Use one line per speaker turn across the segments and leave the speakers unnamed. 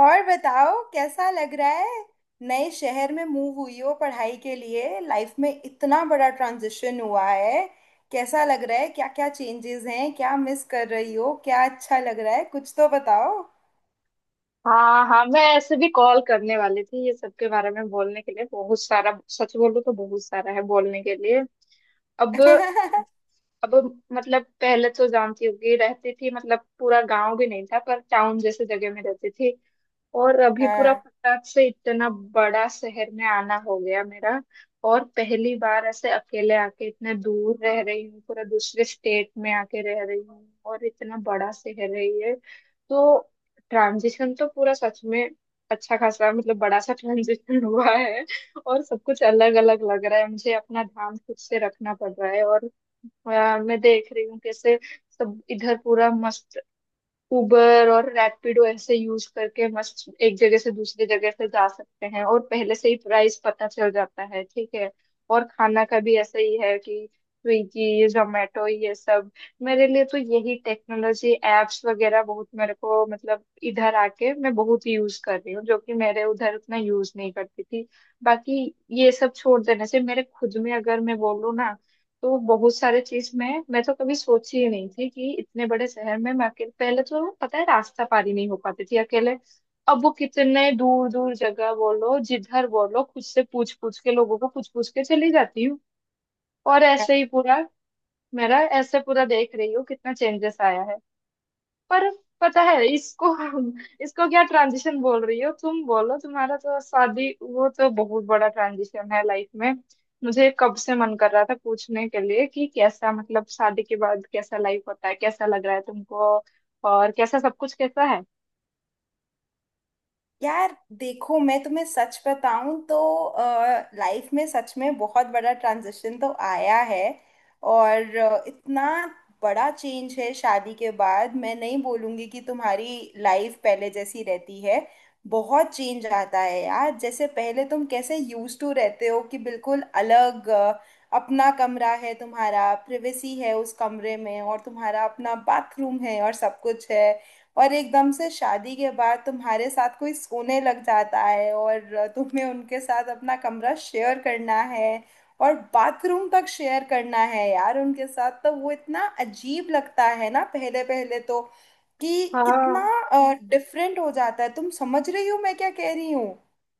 और बताओ कैसा लग रहा है। नए शहर में मूव हुई हो पढ़ाई के लिए। लाइफ में इतना बड़ा ट्रांजिशन हुआ है। कैसा लग रहा है? क्या क्या चेंजेस हैं? क्या मिस कर रही हो? क्या अच्छा लग रहा है? कुछ तो बताओ।
हाँ, हाँ, मैं ऐसे भी कॉल करने वाली थी ये सब के बारे में बोलने के लिए। बहुत सारा, सच बोलूं तो बहुत सारा है बोलने के लिए। अब अब मतलब पहले तो जानती होगी, रहती थी, मतलब पूरा गांव भी नहीं था पर टाउन जैसे जगह में रहती थी। और अभी पूरा
हाँ
फटाक से इतना बड़ा शहर में आना हो गया मेरा। और पहली बार ऐसे अकेले आके इतने दूर रह रही हूँ, पूरा दूसरे स्टेट में आके रह रही हूँ, और इतना बड़ा शहर है ये। तो ट्रांजिशन तो पूरा सच में अच्छा खासा, मतलब बड़ा सा ट्रांजिशन हुआ है। और सब कुछ अलग अलग लग रहा है, मुझे अपना ध्यान खुद से रखना पड़ रहा है। और यार, मैं देख रही हूँ कैसे सब इधर पूरा मस्त उबर और रैपिडो ऐसे यूज करके मस्त एक जगह से दूसरी जगह से जा सकते हैं, और पहले से ही प्राइस पता चल जाता है। ठीक है। और खाना का भी ऐसा ही है कि स्विगी जोमेटो ये सब, मेरे लिए तो यही टेक्नोलॉजी एप्स वगैरह बहुत, मेरे को मतलब इधर आके मैं बहुत यूज कर रही हूँ जो कि मेरे उधर उतना यूज नहीं करती थी। बाकी ये सब छोड़ देने से मेरे खुद में, अगर मैं बोलूँ ना, तो बहुत सारे चीज में मैं तो कभी सोची ही नहीं थी कि इतने बड़े शहर में मैं अकेले, पहले तो पता है रास्ता पारी नहीं हो पाती थी अकेले। अब वो कितने दूर दूर जगह बोलो, जिधर बोलो, खुद से पूछ पूछ के, लोगों को पूछ पूछ के चली जाती हूँ। और ऐसे ही पूरा मेरा ऐसे पूरा देख रही हूँ कितना चेंजेस आया है। पर पता है, इसको इसको क्या ट्रांजिशन बोल रही हो तुम? बोलो, तुम्हारा तो शादी, वो तो बहुत बड़ा ट्रांजिशन है लाइफ में। मुझे कब से मन कर रहा था पूछने के लिए कि कैसा, मतलब शादी के बाद कैसा लाइफ होता है, कैसा लग रहा है तुमको, और कैसा सब कुछ कैसा है?
यार देखो, मैं तुम्हें सच बताऊं तो लाइफ में सच में बहुत बड़ा ट्रांजिशन तो आया है। और इतना बड़ा चेंज है शादी के बाद। मैं नहीं बोलूंगी कि तुम्हारी लाइफ पहले जैसी रहती है। बहुत चेंज आता है यार। जैसे पहले तुम कैसे यूज टू रहते हो कि बिल्कुल अलग, अपना कमरा है, तुम्हारा प्रिवेसी है उस कमरे में, और तुम्हारा अपना बाथरूम है और सब कुछ है। और एकदम से शादी के बाद तुम्हारे साथ कोई सोने लग जाता है और तुम्हें उनके साथ अपना कमरा शेयर करना है और बाथरूम तक शेयर करना है यार उनके साथ। तो वो इतना अजीब लगता है ना पहले पहले तो, कि
हाँ,
कितना डिफरेंट हो जाता है। तुम समझ रही हो मैं क्या कह रही हूँ?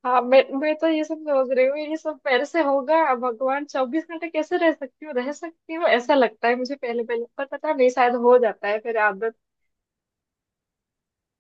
हाँ, मैं तो ये सब सोच रही हूँ, ये सब मेरे से होगा? भगवान, 24 घंटे कैसे रह सकती हूँ, रह सकती हूँ, ऐसा लगता है मुझे पहले पहले, पर पता नहीं शायद हो जाता है फिर आदत।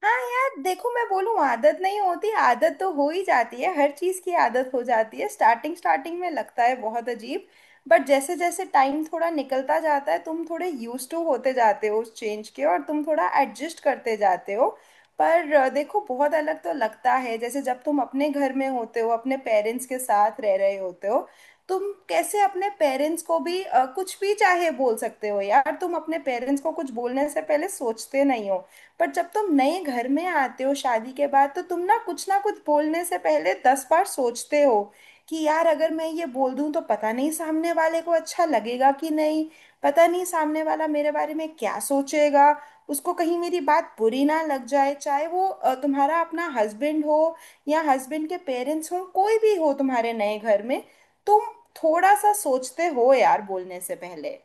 हाँ यार देखो, मैं बोलूँ आदत नहीं होती, आदत तो हो ही जाती है, हर चीज़ की आदत हो जाती है। स्टार्टिंग स्टार्टिंग में लगता है बहुत अजीब, बट जैसे जैसे टाइम थोड़ा निकलता जाता है, तुम थोड़े यूज टू होते जाते हो उस चेंज के, और तुम थोड़ा एडजस्ट करते जाते हो। पर देखो, बहुत अलग तो लगता है। जैसे जब तुम अपने घर में होते हो अपने पेरेंट्स के साथ रह रहे होते हो, तुम कैसे अपने पेरेंट्स को भी कुछ भी चाहे बोल सकते हो यार। तुम अपने पेरेंट्स को कुछ बोलने से पहले सोचते नहीं हो। पर जब तुम नए घर में आते हो शादी के बाद, तो तुम ना कुछ बोलने से पहले 10 बार सोचते हो कि यार अगर मैं ये बोल दूं तो पता नहीं सामने वाले को अच्छा लगेगा कि नहीं। पता नहीं सामने वाला मेरे बारे में क्या सोचेगा। उसको कहीं मेरी बात बुरी ना लग जाए। चाहे वो तुम्हारा अपना हस्बैंड हो, या हस्बैंड के पेरेंट्स हो, कोई भी हो तुम्हारे नए घर में, तुम थोड़ा सा सोचते हो यार बोलने से पहले।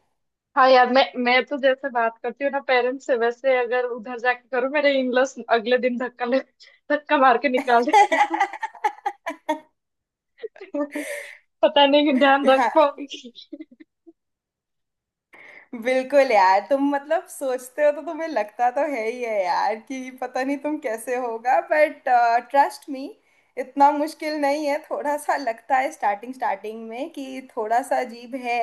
हाँ यार, मैं तो जैसे बात करती हूँ ना पेरेंट्स से, वैसे अगर उधर जाके करूँ मेरे इनलॉस अगले दिन धक्का ले, धक्का मार के निकाल देंगे। पता नहीं कि ध्यान रख
हाँ।
पाऊंगी।
बिल्कुल यार। तुम मतलब सोचते हो तो तुम्हें लगता तो है ही है यार कि पता नहीं तुम कैसे होगा। बट ट्रस्ट मी, इतना मुश्किल नहीं है। थोड़ा सा लगता है स्टार्टिंग स्टार्टिंग में कि थोड़ा सा अजीब है।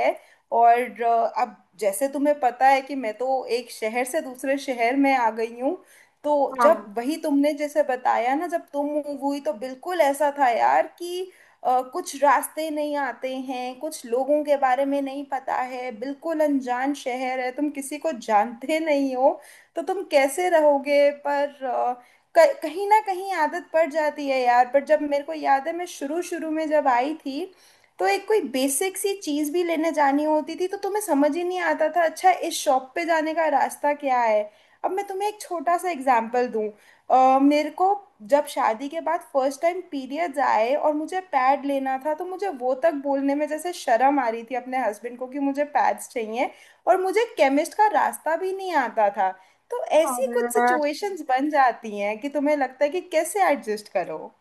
और अब जैसे तुम्हें पता है कि मैं तो एक शहर से दूसरे शहर में आ गई हूँ। तो जब
हाँ।
वही तुमने जैसे बताया ना, जब तुम मूव हुई, तो बिल्कुल ऐसा था यार कि कुछ रास्ते नहीं आते हैं, कुछ लोगों के बारे में नहीं पता है, बिल्कुल अनजान शहर है, तुम किसी को जानते नहीं हो, तो तुम कैसे रहोगे। पर कहीं ना कहीं आदत पड़ जाती है यार। पर जब, मेरे को याद है, मैं शुरू शुरू में जब आई थी, तो एक कोई बेसिक सी चीज़ भी लेने जानी होती थी, तो तुम्हें समझ ही नहीं आता था अच्छा इस शॉप पे जाने का रास्ता क्या है। अब मैं तुम्हें एक छोटा सा एग्जाम्पल दूं। मेरे को जब शादी के बाद फर्स्ट टाइम पीरियड्स आए और मुझे पैड लेना था, तो मुझे वो तक बोलने में जैसे शर्म आ रही थी अपने हस्बैंड को कि मुझे पैड्स चाहिए। और मुझे केमिस्ट का रास्ता भी नहीं आता था। तो ऐसी कुछ
और
सिचुएशंस बन जाती हैं कि तुम्हें लगता है कि कैसे एडजस्ट करो।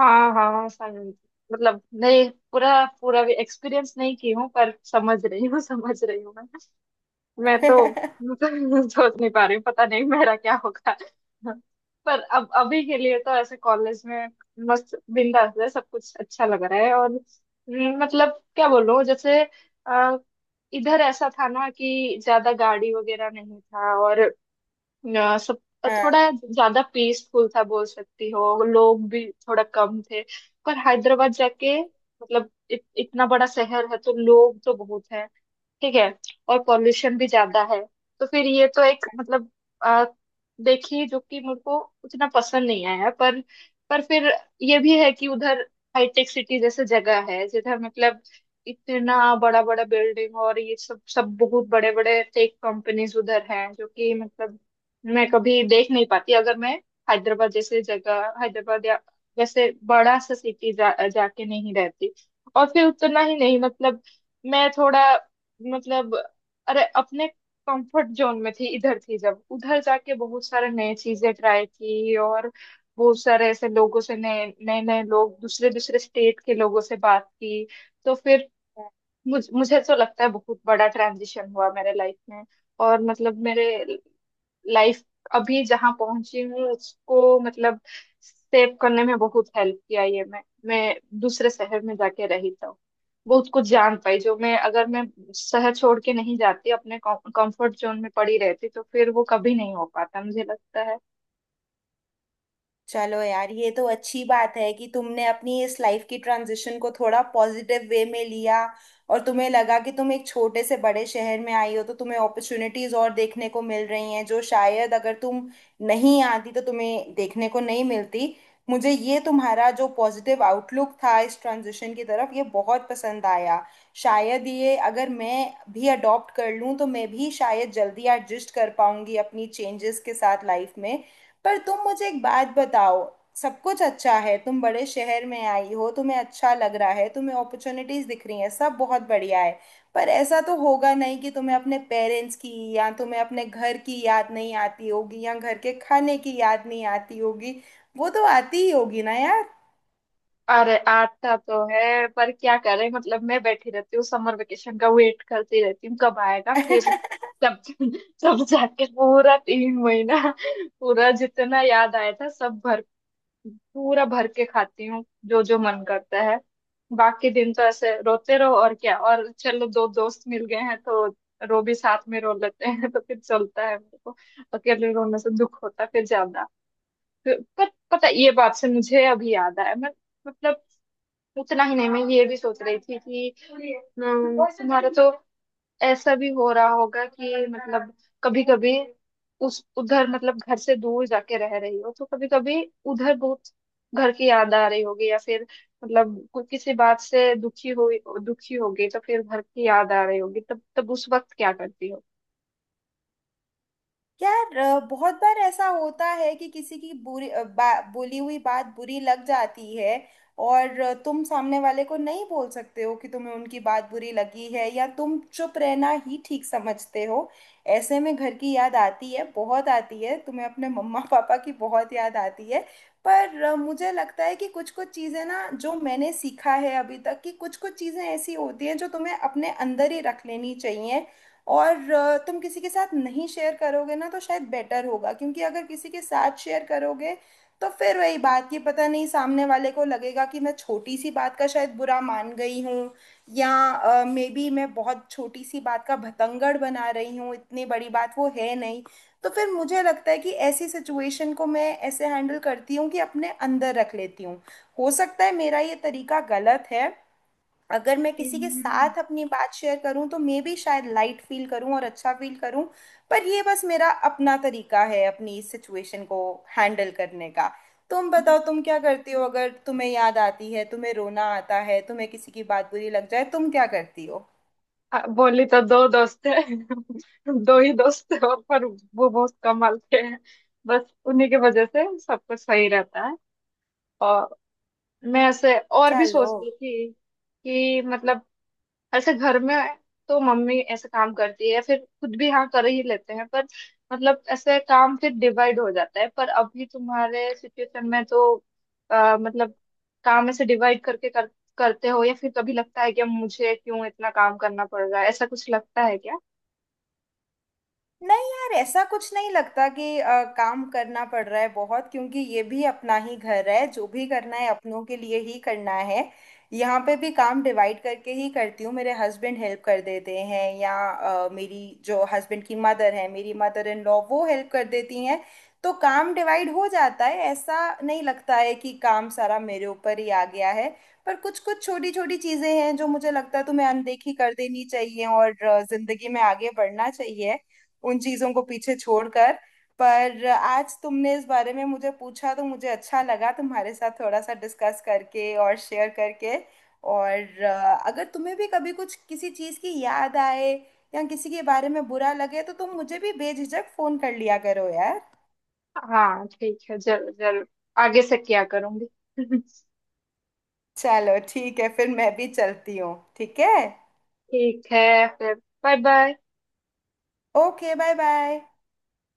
हाँ, हाँ, समझ, मतलब नहीं पूरा पूरा भी एक्सपीरियंस नहीं की हूँ पर समझ रही हूँ, समझ रही हूँ मैं। मैं तो मतलब सोच नहीं पा रही हूँ, पता नहीं मेरा क्या होगा। पर अब अभी के लिए तो ऐसे कॉलेज में मस्त बिंदास है, सब कुछ अच्छा लग रहा है। और मतलब क्या बोलूं, जैसे अ, इधर ऐसा था ना कि ज्यादा गाड़ी वगैरह नहीं था, और सब थोड़ा ज्यादा पीसफुल था बोल सकती हो, लोग भी थोड़ा कम थे। पर हैदराबाद जाके मतलब इतना बड़ा शहर है तो लोग तो बहुत है। ठीक है। और पॉल्यूशन भी ज्यादा है, तो फिर ये तो एक मतलब आ, देखिए जो कि मुझको उतना पसंद नहीं आया। पर फिर ये भी है कि उधर हाईटेक सिटी जैसे जगह है, जिधर मतलब इतना बड़ा बड़ा बिल्डिंग और ये सब, सब बहुत बड़े बड़े टेक कंपनीज उधर हैं, जो कि मतलब मैं कभी देख नहीं पाती अगर मैं हैदराबाद जैसे जगह, हैदराबाद या जैसे बड़ा सा सिटी जाके नहीं रहती। और फिर उतना ही नहीं, मतलब मैं थोड़ा, मतलब अरे, अपने कंफर्ट जोन में थी इधर, थी जब उधर जाके बहुत सारे नए चीजें ट्राई की, और बहुत सारे ऐसे लोगों से, नए नए नए लोग दूसरे दूसरे स्टेट के लोगों से बात की। तो फिर मुझे तो लगता है बहुत बड़ा ट्रांजिशन हुआ मेरे लाइफ में। और मतलब मेरे लाइफ अभी जहाँ पहुंची हूँ उसको मतलब सेव करने में बहुत हेल्प किया, ये मैं दूसरे शहर में जाके रही तो बहुत कुछ जान पाई, जो मैं, अगर मैं शहर छोड़ के नहीं जाती, अपने कंफर्ट जोन में पड़ी रहती, तो फिर वो कभी नहीं हो पाता मुझे लगता है।
चलो यार, ये तो अच्छी बात है कि तुमने अपनी इस लाइफ की ट्रांजिशन को थोड़ा पॉजिटिव वे में लिया, और तुम्हें लगा कि तुम एक छोटे से बड़े शहर में आई हो, तो तुम्हें अपॉर्चुनिटीज और देखने को मिल रही हैं, जो शायद अगर तुम नहीं आती तो तुम्हें देखने को नहीं मिलती। मुझे ये तुम्हारा जो पॉजिटिव आउटलुक था इस ट्रांजिशन की तरफ, ये बहुत पसंद आया। शायद ये अगर मैं भी अडॉप्ट कर लूँ, तो मैं भी शायद जल्दी एडजस्ट कर पाऊंगी अपनी चेंजेस के साथ लाइफ में। पर तुम मुझे एक बात बताओ। सब कुछ अच्छा है, तुम बड़े शहर में आई हो, तुम्हें अच्छा लग रहा है, तुम्हें अपॉर्चुनिटीज दिख रही हैं, सब बहुत बढ़िया है। पर ऐसा तो होगा नहीं कि तुम्हें अपने पेरेंट्स की, या तुम्हें अपने घर की याद नहीं आती होगी, या घर के खाने की याद नहीं आती होगी। वो तो आती ही होगी ना यार।
अरे, आता तो है, पर क्या करें, मतलब मैं बैठी रहती हूँ, समर वेकेशन का वेट करती रहती हूँ कब आएगा, फिर तब तब जाके पूरा 3 महीना, पूरा जितना याद आया था सब भर, पूरा भर के खाती हूँ जो जो मन करता है। बाकी दिन तो ऐसे रोते रहो और क्या, और चलो दो दोस्त मिल गए हैं तो रो भी साथ में रो लेते हैं, तो फिर चलता है मेरे को। अकेले रोने से दुख होता है फिर ज्यादा। पर पता है, ये बात से मुझे अभी याद आया, मैं मतलब उतना ही नहीं, मैं ये भी सोच रही थी कि तुम्हारा तो ऐसा भी हो रहा होगा कि मतलब कभी कभी उस उधर मतलब घर से दूर जाके रह रही हो तो कभी कभी उधर बहुत घर की याद आ रही होगी, या फिर मतलब कोई किसी बात से दुखी होगी तो फिर घर की याद आ रही होगी, तब तब उस वक्त क्या करती हो?
यार बहुत बार ऐसा होता है कि किसी की बुरी बोली हुई बात बुरी लग जाती है। और तुम सामने वाले को नहीं बोल सकते हो कि तुम्हें उनकी बात बुरी लगी है, या तुम चुप रहना ही ठीक समझते हो। ऐसे में घर की याद आती है, बहुत आती है। तुम्हें अपने मम्मा पापा की बहुत याद आती है। पर मुझे लगता है कि कुछ कुछ चीज़ें ना, जो मैंने सीखा है अभी तक, कि कुछ कुछ चीज़ें ऐसी होती हैं जो तुम्हें अपने अंदर ही रख लेनी चाहिए। और तुम किसी के साथ नहीं शेयर करोगे ना, तो शायद बेटर होगा, क्योंकि अगर किसी के साथ शेयर करोगे, तो फिर वही बात, ये पता नहीं सामने वाले को लगेगा कि मैं छोटी सी बात का शायद बुरा मान गई हूँ, या मे बी मैं बहुत छोटी सी बात का भतंगड़ बना रही हूँ, इतनी बड़ी बात वो है नहीं। तो फिर मुझे लगता है कि ऐसी सिचुएशन को मैं ऐसे हैंडल करती हूँ कि अपने अंदर रख लेती हूँ। हो सकता है मेरा ये तरीका गलत है, अगर मैं किसी के साथ अपनी बात शेयर करूं तो मे बी शायद लाइट फील करूं और अच्छा फील करूं। पर ये बस मेरा अपना तरीका है अपनी इस सिचुएशन को हैंडल करने का। तुम बताओ तुम क्या करती हो, अगर तुम्हें याद आती है, तुम्हें रोना आता है, तुम्हें किसी की बात बुरी लग जाए, तुम क्या करती हो?
बोली तो दो दोस्त है दो ही दोस्त है, और पर वो बहुत कमाल के हैं। बस उन्हीं की वजह से सब कुछ सही रहता है। और मैं ऐसे और भी
चलो।
सोच रही थी कि मतलब ऐसे घर में तो मम्मी ऐसे काम करती है, फिर खुद भी हाँ कर ही लेते हैं, पर मतलब ऐसे काम फिर डिवाइड हो जाता है। पर अभी तुम्हारे सिचुएशन में तो मतलब काम ऐसे डिवाइड करके करते हो, या फिर कभी लगता है कि अब मुझे क्यों इतना काम करना पड़ रहा है, ऐसा कुछ लगता है क्या?
नहीं यार, ऐसा कुछ नहीं लगता कि काम करना पड़ रहा है बहुत, क्योंकि ये भी अपना ही घर है, जो भी करना है अपनों के लिए ही करना है। यहाँ पे भी काम डिवाइड करके ही करती हूँ, मेरे हस्बैंड हेल्प कर देते हैं, या मेरी जो हस्बैंड की मदर है, मेरी मदर इन लॉ, वो हेल्प कर देती हैं। तो काम डिवाइड हो जाता है। ऐसा नहीं लगता है कि काम सारा मेरे ऊपर ही आ गया है। पर कुछ कुछ छोटी छोटी चीजें हैं जो मुझे लगता है तुम्हें अनदेखी कर देनी चाहिए, और जिंदगी में आगे बढ़ना चाहिए उन चीजों को पीछे छोड़कर। पर आज तुमने इस बारे में मुझे पूछा तो मुझे अच्छा लगा तुम्हारे साथ थोड़ा सा डिस्कस करके और शेयर करके। और अगर तुम्हें भी कभी कुछ किसी चीज़ की याद आए, या किसी के बारे में बुरा लगे, तो तुम मुझे भी बेझिझक फोन कर लिया करो यार।
हाँ ठीक है, जरूर जरूर। आगे से क्या करूंगी।
चलो ठीक है फिर, मैं भी चलती हूँ, ठीक है।
ठीक है फिर, bye bye.
Okay, bye bye.